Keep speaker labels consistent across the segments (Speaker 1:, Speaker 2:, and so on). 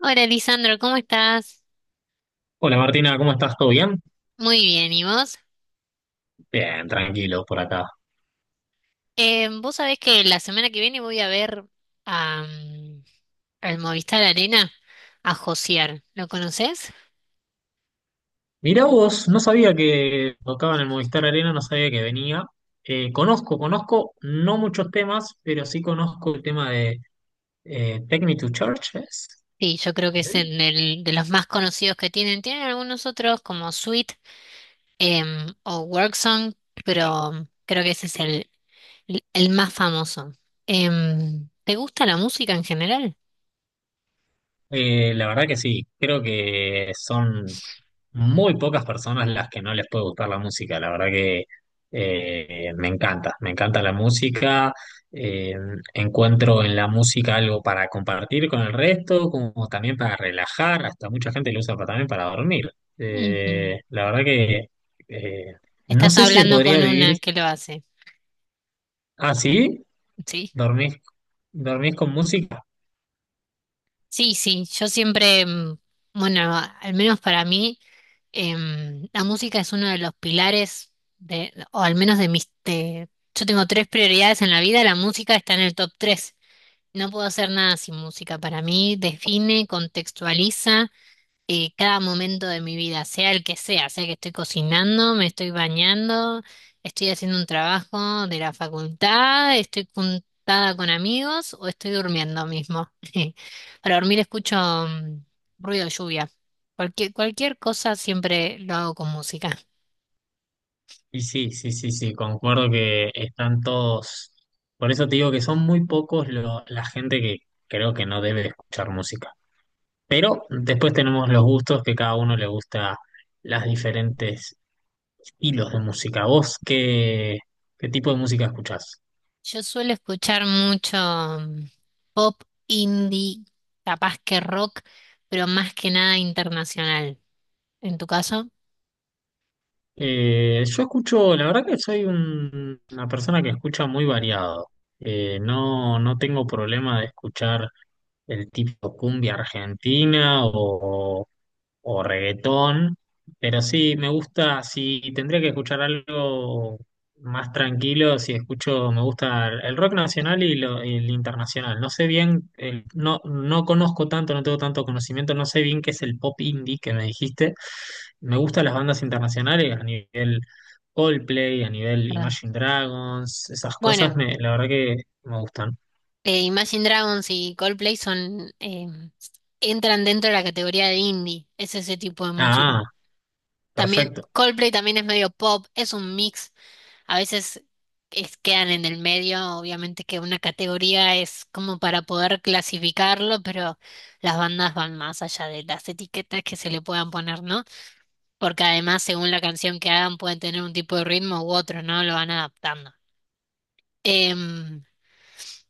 Speaker 1: Hola, Lisandro, ¿cómo estás?
Speaker 2: Hola Martina, ¿cómo estás? ¿Todo bien?
Speaker 1: Muy bien, ¿y vos?
Speaker 2: Bien, tranquilo por acá.
Speaker 1: Vos sabés que la semana que viene voy a ver a, mm, al Movistar Arena a Josier. ¿Lo conoces?
Speaker 2: Mirá vos, no sabía que tocaban el Movistar Arena, no sabía que venía. Conozco no muchos temas, pero sí conozco el tema de Take Me to Church, ¿es?
Speaker 1: Sí, yo creo que es
Speaker 2: ¿Eh?
Speaker 1: de los más conocidos que tienen. Tienen algunos otros como Sweet o Worksong, pero creo que ese es el más famoso. ¿Te gusta la música en general?
Speaker 2: La verdad que sí, creo que son muy pocas personas las que no les puede gustar la música. La verdad que me encanta la música. eh, Encuentro en la música algo para compartir con el resto, como también para relajar. Hasta mucha gente lo usa también para dormir.
Speaker 1: Ujú.
Speaker 2: La verdad que eh, no
Speaker 1: Estás
Speaker 2: sé si se
Speaker 1: hablando
Speaker 2: podría
Speaker 1: con
Speaker 2: vivir
Speaker 1: una que lo hace,
Speaker 2: así.
Speaker 1: ¿sí?
Speaker 2: ¿Dormís, dormís con música?
Speaker 1: Sí, sí, yo siempre, bueno, al menos para mí, la música es uno de los pilares de, o al menos de mis. Yo tengo tres prioridades en la vida, la música está en el top tres. No puedo hacer nada sin música. Para mí define, contextualiza cada momento de mi vida, sea el que sea, sea que estoy cocinando, me estoy bañando, estoy haciendo un trabajo de la facultad, estoy juntada con amigos o estoy durmiendo mismo. Para dormir escucho ruido de lluvia. Cualquier cosa siempre lo hago con música.
Speaker 2: Y sí, sí, sí, sí, concuerdo que están todos. Por eso te digo que son muy pocos la gente que creo que no debe escuchar música. Pero después tenemos los gustos que cada uno le gusta las diferentes estilos de música. ¿ qué tipo de música escuchás?
Speaker 1: Yo suelo escuchar mucho pop, indie, capaz que rock, pero más que nada internacional. ¿En tu caso?
Speaker 2: Yo escucho, la verdad que soy una persona que escucha muy variado. No, no tengo problema de escuchar el tipo cumbia argentina o reggaetón, pero sí, me gusta, si tendría que escuchar algo más tranquilo, si escucho, me gusta el rock nacional y el internacional. No sé bien, no, no conozco tanto, no tengo tanto conocimiento, no sé bien qué es el pop indie que me dijiste. Me gustan las bandas internacionales a nivel Coldplay, a nivel
Speaker 1: Perdón.
Speaker 2: Imagine Dragons, esas cosas,
Speaker 1: Bueno.
Speaker 2: me, la verdad que me gustan.
Speaker 1: Imagine Dragons y Coldplay entran dentro de la categoría de indie, es ese tipo de música.
Speaker 2: Ah,
Speaker 1: También
Speaker 2: perfecto.
Speaker 1: Coldplay también es medio pop, es un mix. A veces quedan en el medio, obviamente que una categoría es como para poder clasificarlo, pero las bandas van más allá de las etiquetas que se le puedan poner, ¿no? Porque además, según la canción que hagan, pueden tener un tipo de ritmo u otro, ¿no? Lo van adaptando. Em,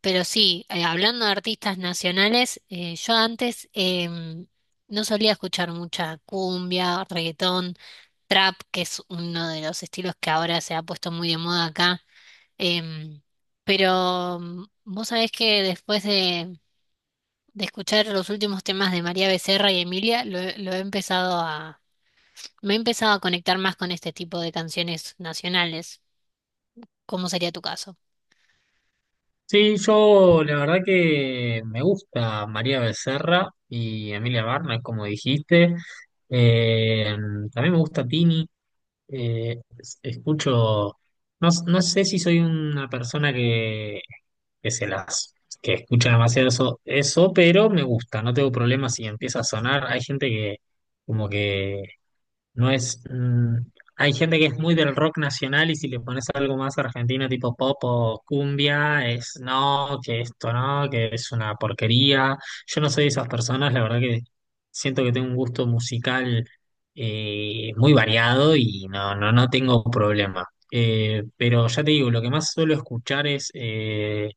Speaker 1: Pero sí, hablando de artistas nacionales, yo antes no solía escuchar mucha cumbia, reggaetón, trap, que es uno de los estilos que ahora se ha puesto muy de moda acá. em, pero vos sabés que después de escuchar los últimos temas de María Becerra y Emilia, lo he empezado a, me he empezado a conectar más con este tipo de canciones nacionales. ¿Cómo sería tu caso?
Speaker 2: Sí, yo la verdad que me gusta María Becerra y Emilia Barna, como dijiste. Eh, También me gusta Tini. Escucho, no, no sé si soy una persona que se las, que escucha demasiado eso, pero me gusta, no tengo problemas si empieza a sonar. Hay gente que como que no es. Hay gente que es muy del rock nacional y si le pones algo más argentino, tipo pop o cumbia, es no, que esto no, que es una porquería. Yo no soy de esas personas, la verdad que siento que tengo un gusto musical muy variado y no, no tengo problema. Pero ya te digo, lo que más suelo escuchar es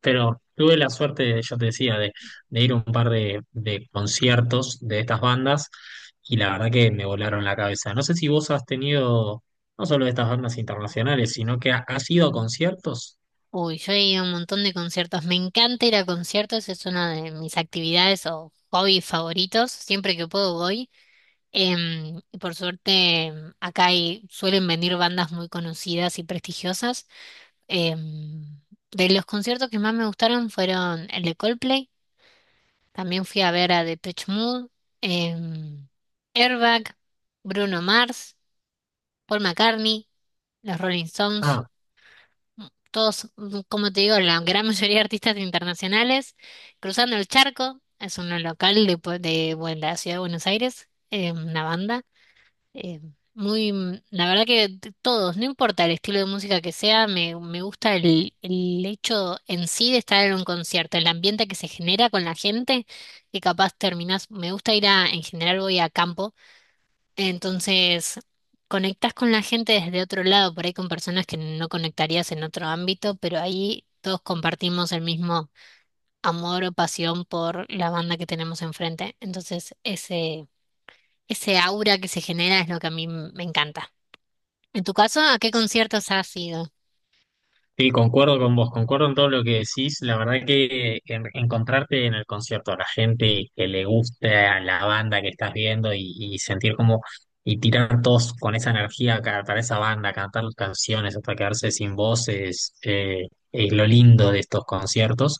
Speaker 2: pero tuve la suerte, yo te decía, de ir a un par de conciertos de estas bandas y la verdad que me volaron la cabeza. No sé si vos has tenido, no solo de estas bandas internacionales, sino que has ido a conciertos.
Speaker 1: Uy, yo he ido a un montón de conciertos. Me encanta ir a conciertos, es una de mis actividades o hobbies favoritos. Siempre que puedo voy. Y por suerte, acá hay, suelen venir bandas muy conocidas y prestigiosas. Em, de los conciertos que más me gustaron fueron el de Coldplay. También fui a ver a Depeche Mode, em, Airbag, Bruno Mars, Paul McCartney, los Rolling Stones.
Speaker 2: Ah,
Speaker 1: Todos, como te digo, la gran mayoría de artistas internacionales, Cruzando el Charco, es un local de, de, bueno, la ciudad de Buenos Aires, una banda. eh, la verdad que todos, no importa el estilo de música que sea, me gusta el hecho en sí de estar en un concierto, el ambiente que se genera con la gente, que capaz terminás, me gusta ir a, en general voy a campo entonces, conectas con la gente desde otro lado, por ahí con personas que no conectarías en otro ámbito, pero ahí todos compartimos el mismo amor o pasión por la banda que tenemos enfrente. Entonces, ese aura que se genera es lo que a mí me encanta. En tu caso, ¿a qué conciertos has ido?
Speaker 2: sí, concuerdo con vos, concuerdo en todo lo que decís. La verdad que encontrarte en el concierto a la gente que le gusta la banda que estás viendo y sentir como y tirar todos con esa energía para esa banda, cantar las canciones hasta quedarse sin voz es lo lindo de estos conciertos.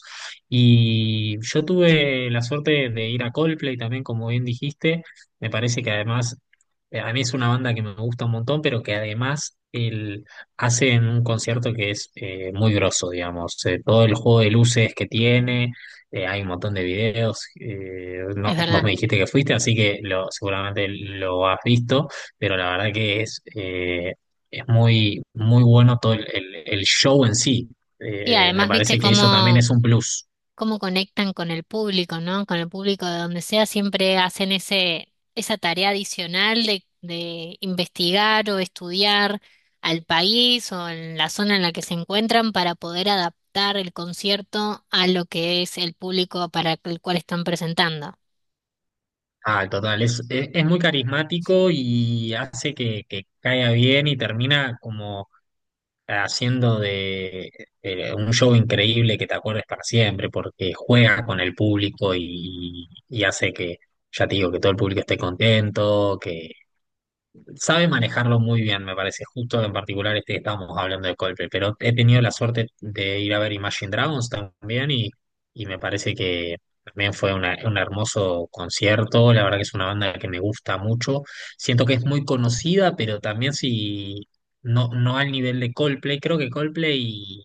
Speaker 2: Y yo tuve la suerte de ir a Coldplay también, como bien dijiste. Me parece que además a mí es una banda que me gusta un montón, pero que además hacen un concierto que es muy grosso, digamos. Todo el juego de luces que tiene, hay un montón de videos.
Speaker 1: Es
Speaker 2: Vos me
Speaker 1: verdad.
Speaker 2: dijiste que fuiste, así que lo, seguramente lo has visto, pero la verdad que es muy, muy bueno todo el show en sí.
Speaker 1: Y
Speaker 2: Me
Speaker 1: además, ¿viste
Speaker 2: parece que eso también
Speaker 1: cómo,
Speaker 2: es un plus.
Speaker 1: cómo conectan con el público, no? Con el público de donde sea, siempre hacen esa tarea adicional de investigar o estudiar al país o en la zona en la que se encuentran para poder adaptar el concierto a lo que es el público para el cual están presentando.
Speaker 2: Ah, total, es muy carismático y hace que caiga bien y termina como haciendo de un show increíble que te acuerdes para siempre, porque juega con el público y hace que, ya te digo, que todo el público esté contento, que sabe manejarlo muy bien, me parece. Justo en particular este que estábamos hablando de Coldplay, pero he tenido la suerte de ir a ver Imagine Dragons también y me parece que también fue un hermoso concierto. La verdad que es una banda que me gusta mucho. Siento que es muy conocida, pero también si no, no al nivel de Coldplay. Creo que Coldplay,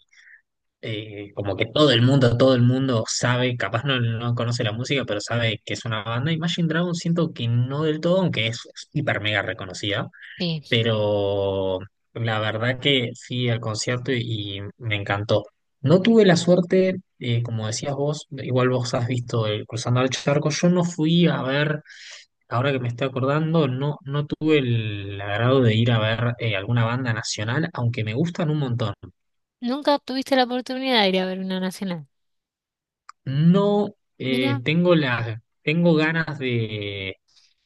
Speaker 2: como que todo el mundo sabe, capaz no, no conoce la música, pero sabe que es una banda. Imagine Dragons siento que no del todo, aunque es hiper mega reconocida
Speaker 1: Sí.
Speaker 2: pero la verdad que fui al concierto y me encantó. No tuve la suerte, como decías vos, igual vos has visto el Cruzando el Charco, yo no fui a ver, ahora que me estoy acordando, no, no tuve el agrado de ir a ver alguna banda nacional, aunque me gustan un montón.
Speaker 1: ¿Nunca tuviste la oportunidad de ir a ver una nacional?
Speaker 2: No
Speaker 1: Mira.
Speaker 2: tengo las, tengo ganas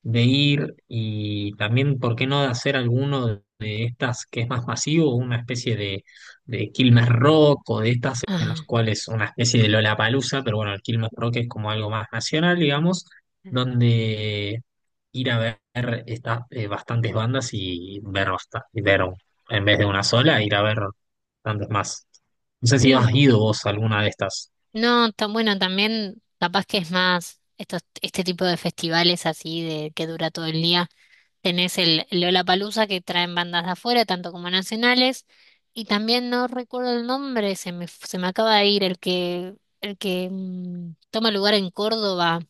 Speaker 2: de ir y también, ¿por qué no de hacer alguno de estas que es más masivo, una especie de Quilmes Rock o de estas en las
Speaker 1: Ah,
Speaker 2: cuales una especie de Lollapalooza, pero bueno, el Quilmes Rock es como algo más nacional, digamos, donde ir a ver estas bastantes bandas y ver, y ver en vez de una sola, ir a ver bastantes más. No sé si has
Speaker 1: sí.
Speaker 2: ido vos a alguna de estas.
Speaker 1: No, tan bueno, también capaz que es más estos, este tipo de festivales así de que dura todo el día. Tenés el Lollapalooza que traen bandas de afuera, tanto como nacionales, y también no recuerdo el nombre, se me acaba de ir el que, toma lugar en Córdoba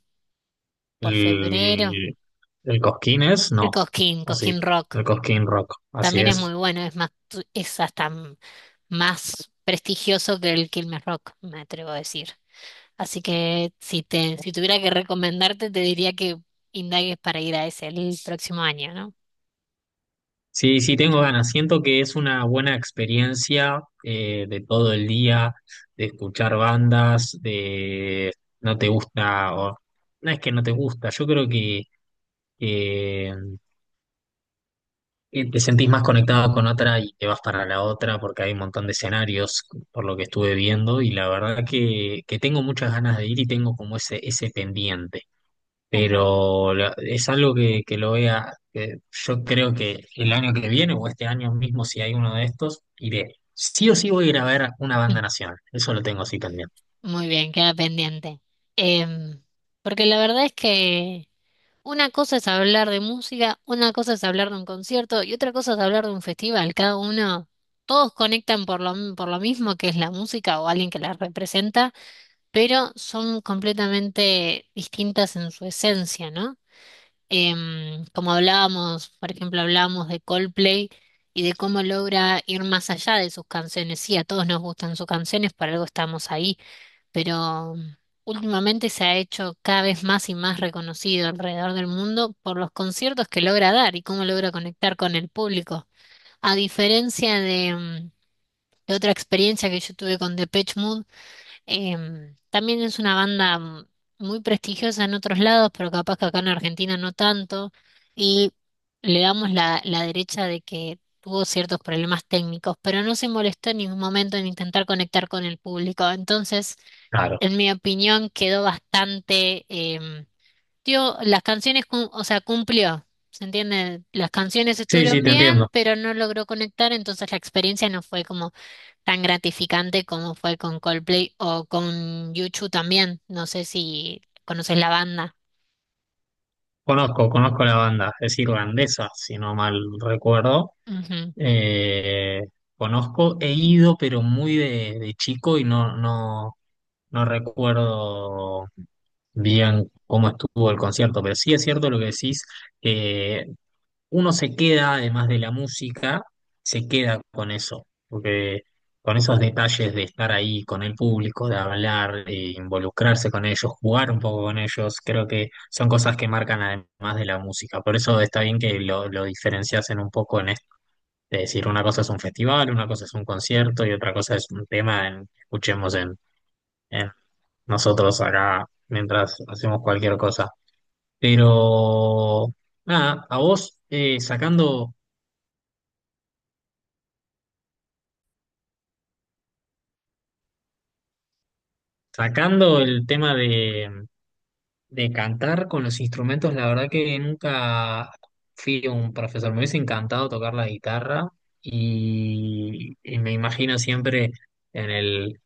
Speaker 1: por febrero.
Speaker 2: El, el Cosquín es,
Speaker 1: el
Speaker 2: no,
Speaker 1: Cosquín,
Speaker 2: o sí,
Speaker 1: Cosquín Rock.
Speaker 2: el Cosquín Rock, así
Speaker 1: También es muy
Speaker 2: es.
Speaker 1: bueno, es más, es hasta más prestigioso que el Quilmes Rock, me atrevo a decir. Así que si tuviera que recomendarte, te diría que indagues para ir a ese el próximo año, ¿no?
Speaker 2: Sí, sí, tengo ganas. Siento que es una buena experiencia de todo el día, de escuchar bandas, de no te gusta, o no es que no te gusta, yo creo que, que te sentís más conectado con otra y te vas para la otra porque hay un montón de escenarios por lo que estuve viendo y la verdad que tengo muchas ganas de ir y tengo como ese pendiente.
Speaker 1: Tal cual.
Speaker 2: Pero es algo que lo voy a, que yo creo que el año que viene o este año mismo, si hay uno de estos, iré. Sí o sí voy a ir a ver una banda nacional, eso lo tengo así pendiente.
Speaker 1: Muy bien, queda pendiente. Em, porque la verdad es que una cosa es hablar de música, una cosa es hablar de un concierto y otra cosa es hablar de un festival. Cada uno, todos conectan por lo mismo que es la música o alguien que la representa, pero son completamente distintas en su esencia, ¿no? Como hablábamos, por ejemplo, hablábamos de Coldplay y de cómo logra ir más allá de sus canciones. Sí, a todos nos gustan sus canciones, por algo estamos ahí, pero últimamente se ha hecho cada vez más y más reconocido alrededor del mundo por los conciertos que logra dar y cómo logra conectar con el público. A diferencia de otra experiencia que yo tuve con Depeche Mode, también es una banda muy prestigiosa en otros lados, pero capaz que acá en Argentina no tanto, y le damos la derecha de que tuvo ciertos problemas técnicos, pero no se molestó en ningún momento en intentar conectar con el público. Entonces,
Speaker 2: Claro.
Speaker 1: en mi opinión, quedó bastante, tío, las canciones, o sea, cumplió, ¿se entiende? Las canciones
Speaker 2: Sí, sí,
Speaker 1: estuvieron
Speaker 2: te
Speaker 1: bien,
Speaker 2: entiendo.
Speaker 1: pero no logró conectar, entonces la experiencia no fue como tan gratificante como fue con Coldplay o con Yuchu también. No sé si conoces la banda.
Speaker 2: Conozco, conozco la banda, es irlandesa, si no mal recuerdo.
Speaker 1: Ujú.
Speaker 2: Eh, Conozco, he ido, pero muy de chico y no, no recuerdo bien cómo estuvo el concierto, pero sí es cierto lo que decís. Que uno se queda, además de la música, se queda con eso, porque con esos detalles de estar ahí con el público, de hablar, de involucrarse con ellos, jugar un poco con ellos, creo que son cosas que marcan además de la música. Por eso está bien que lo diferenciasen un poco en esto, de decir una cosa es un festival, una cosa es un concierto y otra cosa es un tema que escuchemos en nosotros acá mientras hacemos cualquier cosa. Pero nada, a vos, sacando el tema de cantar con los instrumentos, la verdad que nunca fui un profesor. Me hubiese encantado tocar la guitarra y me imagino siempre en el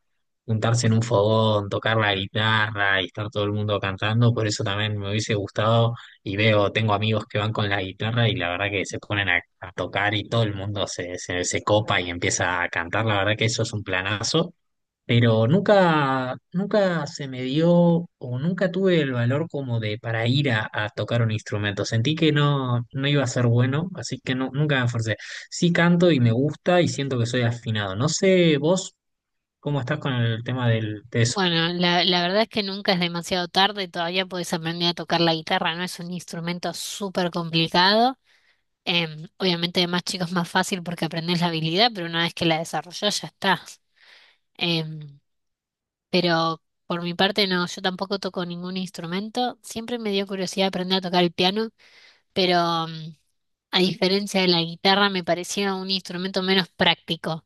Speaker 2: juntarse en un fogón, tocar la guitarra y estar todo el mundo cantando. Por eso también me hubiese gustado y veo, tengo amigos que van con la guitarra y la verdad que se ponen a tocar y todo el mundo se copa y empieza a cantar. La verdad que eso es un planazo. Pero nunca, nunca se me dio o nunca tuve el valor como de para ir a tocar un instrumento. Sentí que no, no iba a ser bueno, así que no, nunca me esforcé. Sí canto y me gusta y siento que soy afinado. No sé vos cómo estás con el tema del, de eso.
Speaker 1: Bueno, la verdad es que nunca es demasiado tarde, todavía puedes aprender a tocar la guitarra, ¿no? Es un instrumento súper complicado. Obviamente de más chicos más fácil porque aprendes la habilidad, pero una vez que la desarrollas ya está. Em, pero por mi parte no, yo tampoco toco ningún instrumento. Siempre me dio curiosidad aprender a tocar el piano, pero a diferencia de la guitarra me parecía un instrumento menos práctico,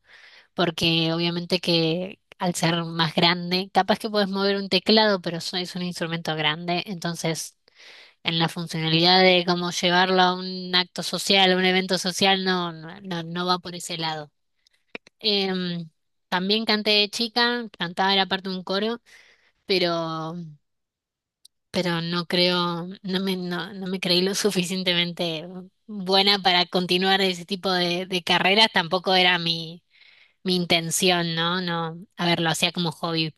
Speaker 1: porque obviamente que al ser más grande, capaz que puedes mover un teclado, pero es un instrumento grande, entonces en la funcionalidad de cómo llevarlo a un acto social, a un evento social, no, no, no, no va por ese lado. Em, también canté de chica, cantaba era parte de un coro, pero, pero no creo, no me creí lo suficientemente buena para continuar ese tipo de carreras, tampoco era mi intención, ¿no? No, a ver, lo hacía como hobby,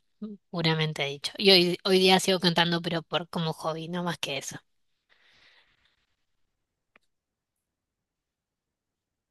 Speaker 1: puramente dicho. Y hoy día sigo cantando, pero por como hobby, no más que eso.